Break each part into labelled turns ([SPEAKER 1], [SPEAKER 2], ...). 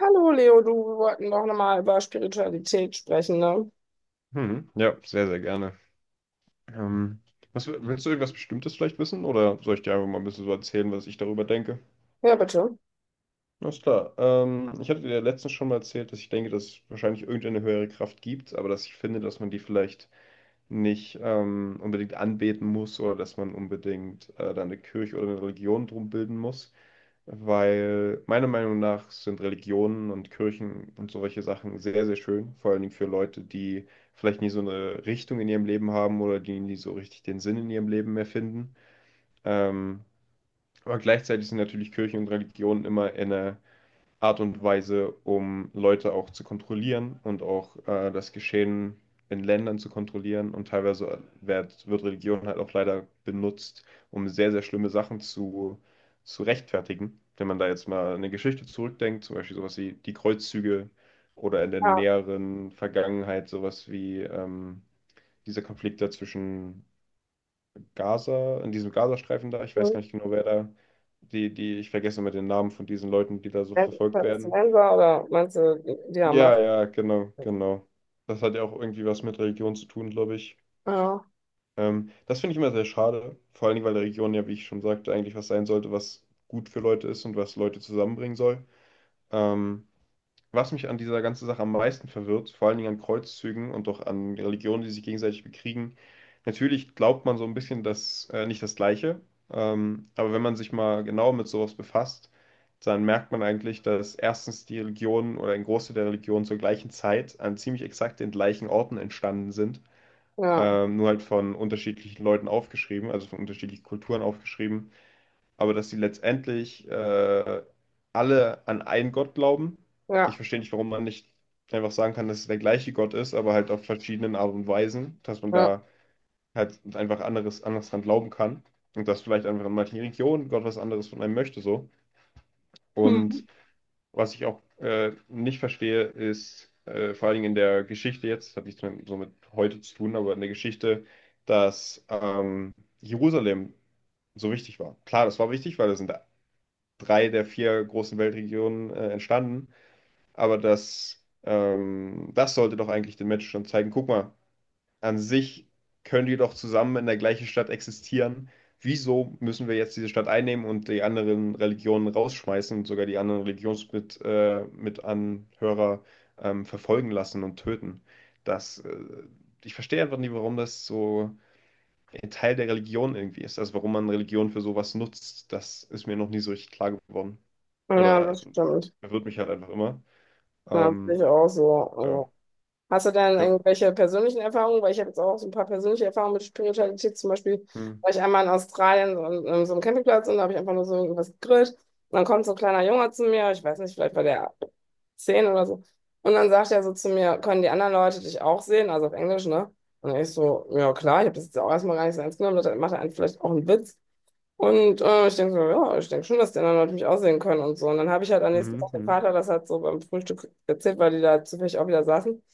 [SPEAKER 1] Hallo Leo, du, wir wollten doch nochmal über Spiritualität sprechen, ne?
[SPEAKER 2] Mhm. Ja, sehr, sehr gerne. Ähm, Willst du irgendwas Bestimmtes vielleicht wissen oder soll ich dir einfach mal ein bisschen so erzählen, was ich darüber denke?
[SPEAKER 1] Ja, bitte.
[SPEAKER 2] Alles klar. Ich hatte dir ja letztens schon mal erzählt, dass ich denke, dass es wahrscheinlich irgendeine höhere Kraft gibt, aber dass ich finde, dass man die vielleicht nicht unbedingt anbeten muss oder dass man unbedingt da eine Kirche oder eine Religion drum bilden muss, weil meiner Meinung nach sind Religionen und Kirchen und solche Sachen sehr, sehr schön, vor allen Dingen für Leute, die vielleicht nie so eine Richtung in ihrem Leben haben oder die nie so richtig den Sinn in ihrem Leben mehr finden. Ähm, aber gleichzeitig sind natürlich Kirchen und Religionen immer in einer Art und Weise, um Leute auch zu kontrollieren und auch das Geschehen in Ländern zu kontrollieren. Und teilweise wird Religion halt auch leider benutzt, um sehr, sehr schlimme Sachen zu rechtfertigen. Wenn man da jetzt mal eine Geschichte zurückdenkt, zum Beispiel sowas wie die Kreuzzüge oder in der
[SPEAKER 1] Ja.
[SPEAKER 2] näheren Vergangenheit sowas wie dieser Konflikt da zwischen Gaza, in diesem Gazastreifen da, ich weiß
[SPEAKER 1] Hm.
[SPEAKER 2] gar nicht genau, wer da, ich vergesse immer den Namen von diesen Leuten, die da so verfolgt werden.
[SPEAKER 1] Palästinenser oder meinst du die Hamas?
[SPEAKER 2] Ja, ja, genau, genau. Das hat ja auch irgendwie was mit Religion zu tun, glaube ich.
[SPEAKER 1] Ja,
[SPEAKER 2] Das finde ich immer sehr schade, vor allen Dingen, weil Religion ja, wie ich schon sagte, eigentlich was sein sollte, was gut für Leute ist und was Leute zusammenbringen soll. Ähm, Was mich an dieser ganzen Sache am meisten verwirrt, vor allen Dingen an Kreuzzügen und auch an Religionen, die sich gegenseitig bekriegen, natürlich glaubt man so ein bisschen nicht das Gleiche, aber wenn man sich mal genau mit sowas befasst, dann merkt man eigentlich, dass erstens die Religionen oder ein Großteil der Religionen zur gleichen Zeit an ziemlich exakt den gleichen Orten entstanden sind,
[SPEAKER 1] ja,
[SPEAKER 2] nur halt von unterschiedlichen Leuten aufgeschrieben, also von unterschiedlichen Kulturen aufgeschrieben, aber dass sie letztendlich alle an einen Gott glauben.
[SPEAKER 1] ja,
[SPEAKER 2] Ich verstehe nicht, warum man nicht einfach sagen kann, dass es der gleiche Gott ist, aber halt auf verschiedenen Art und Weisen, dass man
[SPEAKER 1] ja.
[SPEAKER 2] da halt einfach anders dran glauben kann und dass vielleicht einfach in manchen Religionen Gott was anderes von einem möchte so.
[SPEAKER 1] Hm.
[SPEAKER 2] Und was ich auch nicht verstehe, ist vor allen Dingen in der Geschichte jetzt, das hat nichts mehr so mit heute zu tun, aber in der Geschichte, dass Jerusalem so wichtig war. Klar, das war wichtig, weil da sind drei der vier großen Weltregionen entstanden. Aber das sollte doch eigentlich den Menschen schon zeigen. Guck mal, an sich können die doch zusammen in der gleichen Stadt existieren. Wieso müssen wir jetzt diese Stadt einnehmen und die anderen Religionen rausschmeißen und sogar die anderen Religionsmitanhörer Mitanhörer, verfolgen lassen und töten? Das, äh, Ich verstehe einfach nicht, warum das so ein Teil der Religion irgendwie ist. Also warum man Religion für sowas nutzt, das ist mir noch nie so richtig klar geworden.
[SPEAKER 1] Ja,
[SPEAKER 2] Oder
[SPEAKER 1] das stimmt.
[SPEAKER 2] verwirrt mich halt einfach immer.
[SPEAKER 1] Ja, sehe
[SPEAKER 2] Ähm,
[SPEAKER 1] ich auch so.
[SPEAKER 2] ja,
[SPEAKER 1] Also. Hast du denn
[SPEAKER 2] ja.
[SPEAKER 1] irgendwelche persönlichen Erfahrungen? Weil ich habe jetzt auch so ein paar persönliche Erfahrungen mit Spiritualität. Zum Beispiel
[SPEAKER 2] Hm.
[SPEAKER 1] war ich einmal in Australien so an so einem Campingplatz und da habe ich einfach nur so irgendwas gegrillt. Und dann kommt so ein kleiner Junge zu mir. Ich weiß nicht, vielleicht war der 10 oder so. Und dann sagt er so zu mir, können die anderen Leute dich auch sehen? Also auf Englisch, ne? Und ich so, ja klar, ich habe das jetzt auch erstmal gar nicht so ernst genommen. Da macht er einen vielleicht auch einen Witz. Und ich denke so, ja, ich denke schon, dass die anderen Leute mich aussehen können und so. Und dann habe ich halt am nächsten Tag
[SPEAKER 2] Mhm,
[SPEAKER 1] dem
[SPEAKER 2] mhm.
[SPEAKER 1] Vater das halt so beim Frühstück erzählt, weil die da zufällig auch wieder saßen. Und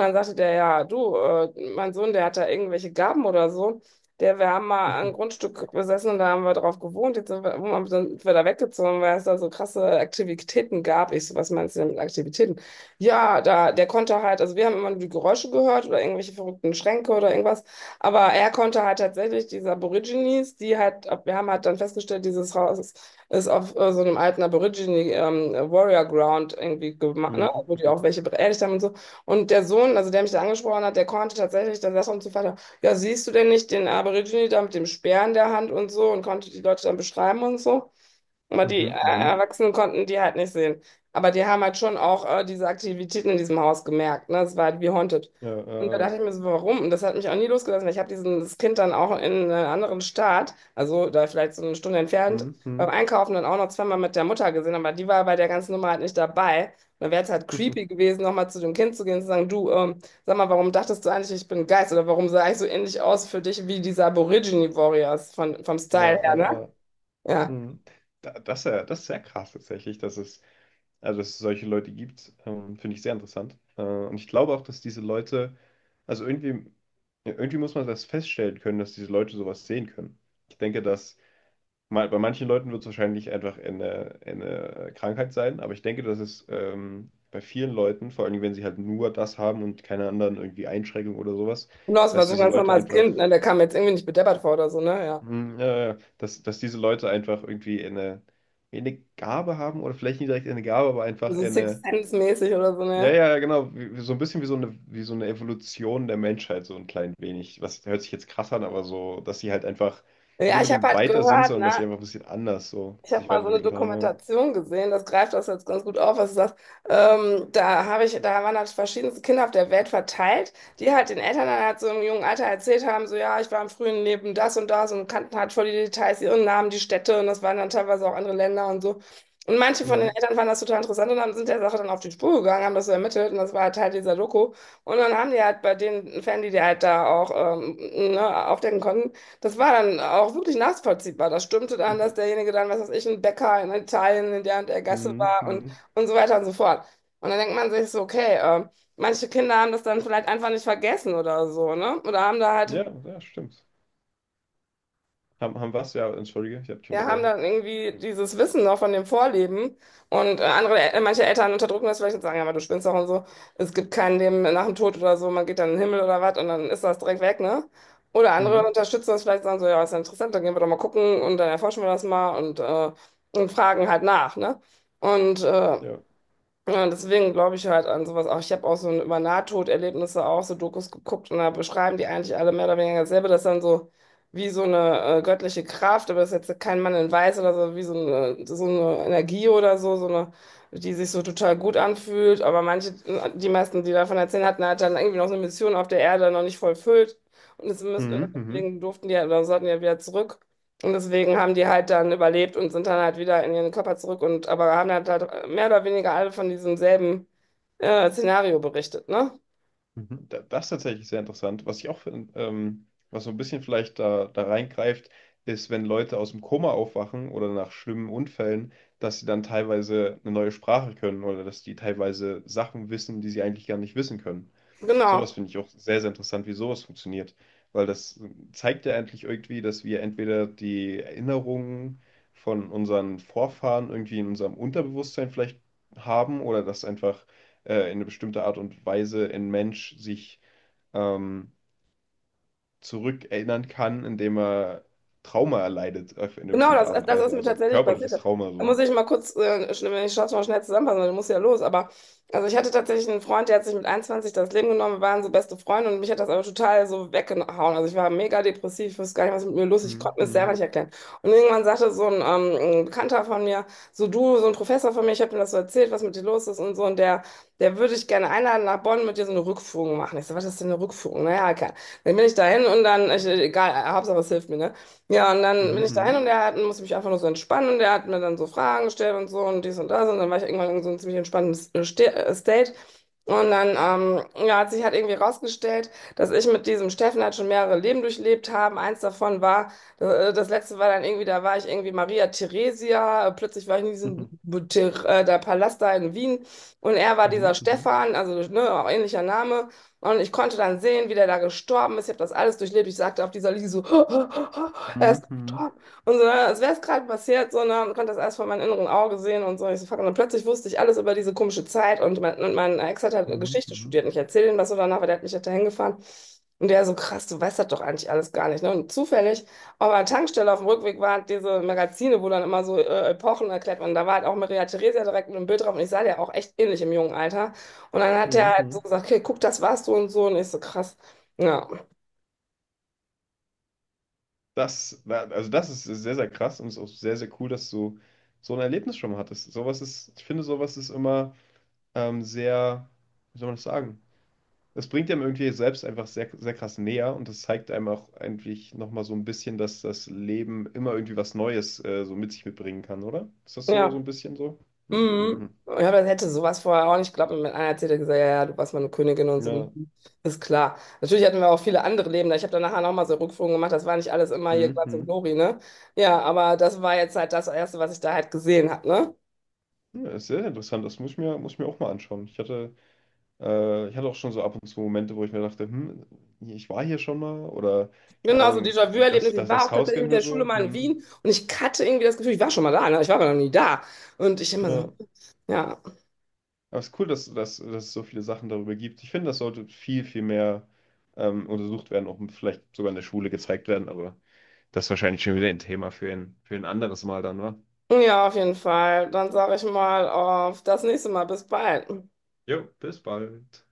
[SPEAKER 1] dann sagte der, ja, du, mein Sohn, der hat da irgendwelche Gaben oder so. Der, wir haben mal ein Grundstück besessen und da haben wir drauf gewohnt. Jetzt sind wir, wo sind wir da weggezogen, weil es da so krasse Aktivitäten gab. Ich so, was meinst du denn mit Aktivitäten? Ja, da, der konnte halt, also wir haben immer nur die Geräusche gehört oder irgendwelche verrückten Schränke oder irgendwas. Aber er konnte halt tatsächlich diese Aborigines, die halt, wir haben halt dann festgestellt, dieses Haus ist auf so einem alten Aborigine Warrior Ground irgendwie gemacht, ne?
[SPEAKER 2] Mhm,
[SPEAKER 1] Wo die
[SPEAKER 2] mhm,
[SPEAKER 1] auch welche beerdigt haben und so. Und der Sohn, also der mich da angesprochen hat, der konnte tatsächlich, dann saß er uns zu Vater, ja, siehst du denn nicht den Aborigine da mit dem Speer in der Hand und so und konnte die Leute dann beschreiben und so. Aber die
[SPEAKER 2] mhm, mhm.
[SPEAKER 1] Erwachsenen konnten die halt nicht sehen. Aber die haben halt schon auch diese Aktivitäten in diesem Haus gemerkt. Ne? Es war halt wie Haunted.
[SPEAKER 2] Ja,
[SPEAKER 1] Und da dachte ich mir so, warum? Und das hat mich auch nie losgelassen. Ich habe dieses Kind dann auch in einem anderen Staat, also da vielleicht so eine Stunde entfernt,
[SPEAKER 2] mhm,
[SPEAKER 1] beim
[SPEAKER 2] mhm.
[SPEAKER 1] Einkaufen dann auch noch zweimal mit der Mutter gesehen. Aber die war bei der ganzen Nummer halt nicht dabei. Und dann wäre es halt creepy gewesen, nochmal zu dem Kind zu gehen und zu sagen, du, sag mal, warum dachtest du eigentlich, ich bin ein Geist? Oder warum sah ich so ähnlich aus für dich wie diese Aborigine Warriors von, vom
[SPEAKER 2] Ja,
[SPEAKER 1] Style her, ne?
[SPEAKER 2] äh, äh,
[SPEAKER 1] Ja.
[SPEAKER 2] mhm. Das ist ja, das ist sehr krass tatsächlich, dass es also, dass es solche Leute gibt, finde ich sehr interessant. Und ich glaube auch, dass diese Leute, also irgendwie, ja, irgendwie muss man das feststellen können, dass diese Leute sowas sehen können. Ich denke, dass mal, bei manchen Leuten wird es wahrscheinlich einfach eine Krankheit sein, aber ich denke, dass es bei vielen Leuten, vor allem wenn sie halt nur das haben und keine anderen irgendwie Einschränkungen oder sowas,
[SPEAKER 1] Genau, das war
[SPEAKER 2] dass
[SPEAKER 1] so ein
[SPEAKER 2] diese
[SPEAKER 1] ganz
[SPEAKER 2] Leute
[SPEAKER 1] normales
[SPEAKER 2] einfach,
[SPEAKER 1] Kind, ne? Der kam jetzt irgendwie nicht bedeppert vor oder so, ne? Ja.
[SPEAKER 2] hm, ja, ja, ja, dass diese Leute einfach irgendwie eine, Gabe haben oder vielleicht nicht direkt eine Gabe, aber einfach
[SPEAKER 1] So Sixth
[SPEAKER 2] eine.
[SPEAKER 1] Sense-mäßig oder so,
[SPEAKER 2] Ja,
[SPEAKER 1] ne?
[SPEAKER 2] ja, genau. So ein bisschen wie so eine Evolution der Menschheit, so ein klein wenig. Was hört sich jetzt krass an, aber so, dass sie halt einfach nicht
[SPEAKER 1] Ja, ich habe
[SPEAKER 2] unbedingt
[SPEAKER 1] halt
[SPEAKER 2] weiter sind,
[SPEAKER 1] gehört,
[SPEAKER 2] sondern dass sie
[SPEAKER 1] ne?
[SPEAKER 2] einfach ein bisschen anders so
[SPEAKER 1] Ich habe
[SPEAKER 2] sich
[SPEAKER 1] mal so eine
[SPEAKER 2] weiterentwickelt haben, ja.
[SPEAKER 1] Dokumentation gesehen, das greift das jetzt ganz gut auf, was du sagst. Da habe ich, da waren halt verschiedenste Kinder auf der Welt verteilt, die halt den Eltern dann halt so im jungen Alter erzählt haben, so ja, ich war im frühen Leben das und das und kannten halt voll die Details, ihren Namen, die Städte und das waren dann teilweise auch andere Länder und so. Und manche von den
[SPEAKER 2] Hm.
[SPEAKER 1] Eltern fanden das total interessant und sind der Sache dann auf die Spur gegangen, haben das so ermittelt und das war halt Teil dieser Doku. Und dann haben die halt bei den Fans, die die halt da auch ähm, ne, aufdecken konnten, das war dann auch wirklich nachvollziehbar. Das stimmte dann, dass derjenige dann, was weiß ich, ein Bäcker in Italien in der und der Gasse
[SPEAKER 2] Hm,
[SPEAKER 1] war
[SPEAKER 2] hm.
[SPEAKER 1] und so weiter und so fort. Und dann denkt man sich so, okay, manche Kinder haben das dann vielleicht einfach nicht vergessen oder so, ne? Oder haben da halt
[SPEAKER 2] Ja, ja, stimmt. Haben was? Ja, entschuldige, ich habe dich
[SPEAKER 1] ja, haben
[SPEAKER 2] unterbrochen.
[SPEAKER 1] dann irgendwie dieses Wissen noch von dem Vorleben. Und andere, manche Eltern unterdrücken das vielleicht und sagen, ja, aber du spinnst doch und so. Es gibt kein Leben nach dem Tod oder so, man geht dann in den Himmel oder was und dann ist das direkt weg, ne? Oder andere
[SPEAKER 2] Hm.
[SPEAKER 1] unterstützen das vielleicht, sagen so, ja, ist ja interessant, dann gehen wir doch mal gucken und dann erforschen wir das mal und fragen halt nach, ne? Und
[SPEAKER 2] Ja.
[SPEAKER 1] ja, deswegen glaube ich halt an sowas auch. Ich habe auch so über Nahtoderlebnisse auch so Dokus geguckt und da beschreiben die eigentlich alle mehr oder weniger dasselbe, dass dann so wie so eine göttliche Kraft, aber das ist jetzt kein Mann in Weiß oder so, wie so eine Energie oder so, so eine, die sich so total gut anfühlt. Aber manche, die meisten, die davon erzählen hatten, hat dann irgendwie noch so eine Mission auf der Erde noch nicht vollfüllt. Und das müssen,
[SPEAKER 2] Hm, hm.
[SPEAKER 1] deswegen durften die ja, oder sollten die ja wieder zurück. Und deswegen haben die halt dann überlebt und sind dann halt wieder in ihren Körper zurück und aber haben halt mehr oder weniger alle von diesem selben Szenario berichtet, ne?
[SPEAKER 2] Mhm. Das ist tatsächlich sehr interessant. Was ich auch finde, was so ein bisschen vielleicht da reingreift, ist, wenn Leute aus dem Koma aufwachen oder nach schlimmen Unfällen, dass sie dann teilweise eine neue Sprache können oder dass die teilweise Sachen wissen, die sie eigentlich gar nicht wissen können. Sowas
[SPEAKER 1] Genau.
[SPEAKER 2] finde ich auch sehr, sehr interessant, wie sowas funktioniert. Weil das zeigt ja eigentlich irgendwie, dass wir entweder die Erinnerungen von unseren Vorfahren irgendwie in unserem Unterbewusstsein vielleicht haben oder dass einfach in eine bestimmte Art und Weise ein Mensch sich ähm, zurückerinnern kann, indem er Trauma erleidet, in eine
[SPEAKER 1] Genau,
[SPEAKER 2] bestimmte
[SPEAKER 1] das,
[SPEAKER 2] Art und
[SPEAKER 1] das ist
[SPEAKER 2] Weise,
[SPEAKER 1] mir
[SPEAKER 2] also
[SPEAKER 1] tatsächlich passiert.
[SPEAKER 2] körperliches Trauma
[SPEAKER 1] Da
[SPEAKER 2] so.
[SPEAKER 1] muss ich mal kurz, wenn ich schaffe, mal schnell zusammenfassen, weil du musst ja los. Aber also ich hatte tatsächlich einen Freund, der hat sich mit 21 das Leben genommen. Wir waren so beste Freunde und mich hat das aber total so weggehauen. Also ich war mega depressiv, ich wusste gar nicht, was mit mir los ist. Ich
[SPEAKER 2] Mhm,
[SPEAKER 1] konnte mir das selber
[SPEAKER 2] mhm,
[SPEAKER 1] nicht erklären. Und irgendwann sagte so ein Bekannter von mir, so du, so ein Professor von mir, ich habe ihm das so erzählt, was mit dir los ist und so. Und der, der würde ich gerne einladen nach Bonn mit dir so eine Rückführung machen. Ich so, was ist denn eine Rückführung? Naja, okay. Dann bin ich dahin und dann, ich, egal, Hauptsache es hilft mir, ne? Ja, und dann bin ich
[SPEAKER 2] mhm,
[SPEAKER 1] dahin und er hat, musste mich einfach nur so entspannen und er hat mir dann so Fragen gestellt und so und dies und das und dann war ich irgendwann in so einem ziemlich entspannten State. Und dann ja, hat sich halt irgendwie rausgestellt, dass ich mit diesem Steffen halt schon mehrere Leben durchlebt habe. Eins davon war, das letzte war dann irgendwie, da war ich irgendwie Maria Theresia, plötzlich war ich in diesem
[SPEAKER 2] mhm,
[SPEAKER 1] Der Palast da in Wien und er war dieser
[SPEAKER 2] mhm, mhm,
[SPEAKER 1] Stefan, also ne, auch ähnlicher Name. Und ich konnte dann sehen, wie der da gestorben ist. Ich habe das alles durchlebt. Ich sagte auf dieser Liege so, er ist
[SPEAKER 2] mhm, mhm,
[SPEAKER 1] gestorben. Und so, ne, als wäre es gerade passiert, so, ne, und konnte das alles vor meinem inneren Auge sehen und so. Ich so, fuck. Und dann plötzlich wusste ich alles über diese komische Zeit. Und mein Ex hat halt Geschichte
[SPEAKER 2] mhm,
[SPEAKER 1] studiert. Und ich erzähle ihm das so danach, weil der hat mich halt dahin gefahren. Und der so, krass, du weißt das doch eigentlich alles gar nicht. Ne? Und zufällig auf einer Tankstelle auf dem Rückweg waren diese Magazine, wo dann immer so Epochen erklärt werden. Da war halt auch Maria Theresia direkt mit einem Bild drauf. Und ich sah der auch echt ähnlich im jungen Alter. Und dann hat er
[SPEAKER 2] mhm,
[SPEAKER 1] halt so
[SPEAKER 2] mhm.
[SPEAKER 1] gesagt, okay, guck, das warst du und so. Und ich so, krass. Ja,
[SPEAKER 2] Das, war Also das ist sehr, sehr krass und ist auch sehr, sehr cool, dass du so ein Erlebnis schon mal hattest. Ich finde, sowas ist immer sehr, wie soll man das sagen? Das bringt einem irgendwie selbst einfach sehr, sehr krass näher und das zeigt einem auch eigentlich nochmal so ein bisschen, dass das Leben immer irgendwie was Neues so mit sich mitbringen kann, oder? Ist das so, so
[SPEAKER 1] ja.
[SPEAKER 2] ein bisschen so? Hm, hm,
[SPEAKER 1] Mhm.
[SPEAKER 2] hm.
[SPEAKER 1] Ja, aber das hätte sowas vorher auch nicht geglaubt. Und mit einer erzählt er gesagt, ja, ja, du warst meine Königin und so.
[SPEAKER 2] Ja,
[SPEAKER 1] Mhm. Ist klar. Natürlich hatten wir auch viele andere Leben. Ich habe dann nachher nochmal so Rückführungen gemacht. Das war nicht alles immer hier
[SPEAKER 2] hm,
[SPEAKER 1] Glanz und
[SPEAKER 2] hm.
[SPEAKER 1] Glory, ne? Ja, aber das war jetzt halt das Erste, was ich da halt gesehen habe, ne?
[SPEAKER 2] Ja, ist sehr interessant. Das muss ich mir auch mal anschauen. Ich hatte auch schon so ab und zu Momente, wo ich mir dachte, ich war hier schon mal oder keine
[SPEAKER 1] Genau, so
[SPEAKER 2] Ahnung,
[SPEAKER 1] Déjà-vu-Erlebnis. Ich war
[SPEAKER 2] das
[SPEAKER 1] auch
[SPEAKER 2] Haus
[SPEAKER 1] tatsächlich
[SPEAKER 2] kennen
[SPEAKER 1] mit
[SPEAKER 2] wir
[SPEAKER 1] der Schule
[SPEAKER 2] so.
[SPEAKER 1] mal in
[SPEAKER 2] Hm,
[SPEAKER 1] Wien und ich hatte irgendwie das Gefühl, ich war schon mal da, ne? Ich war aber noch nie da. Und ich immer so,
[SPEAKER 2] ja.
[SPEAKER 1] ja.
[SPEAKER 2] Aber es ist cool, dass es so viele Sachen darüber gibt. Ich finde, das sollte viel, viel mehr untersucht werden, auch vielleicht sogar in der Schule gezeigt werden, aber das ist wahrscheinlich schon wieder ein Thema für ein anderes Mal dann, wa?
[SPEAKER 1] Ja, auf jeden Fall. Dann sage ich mal auf das nächste Mal. Bis bald.
[SPEAKER 2] Jo, bis bald.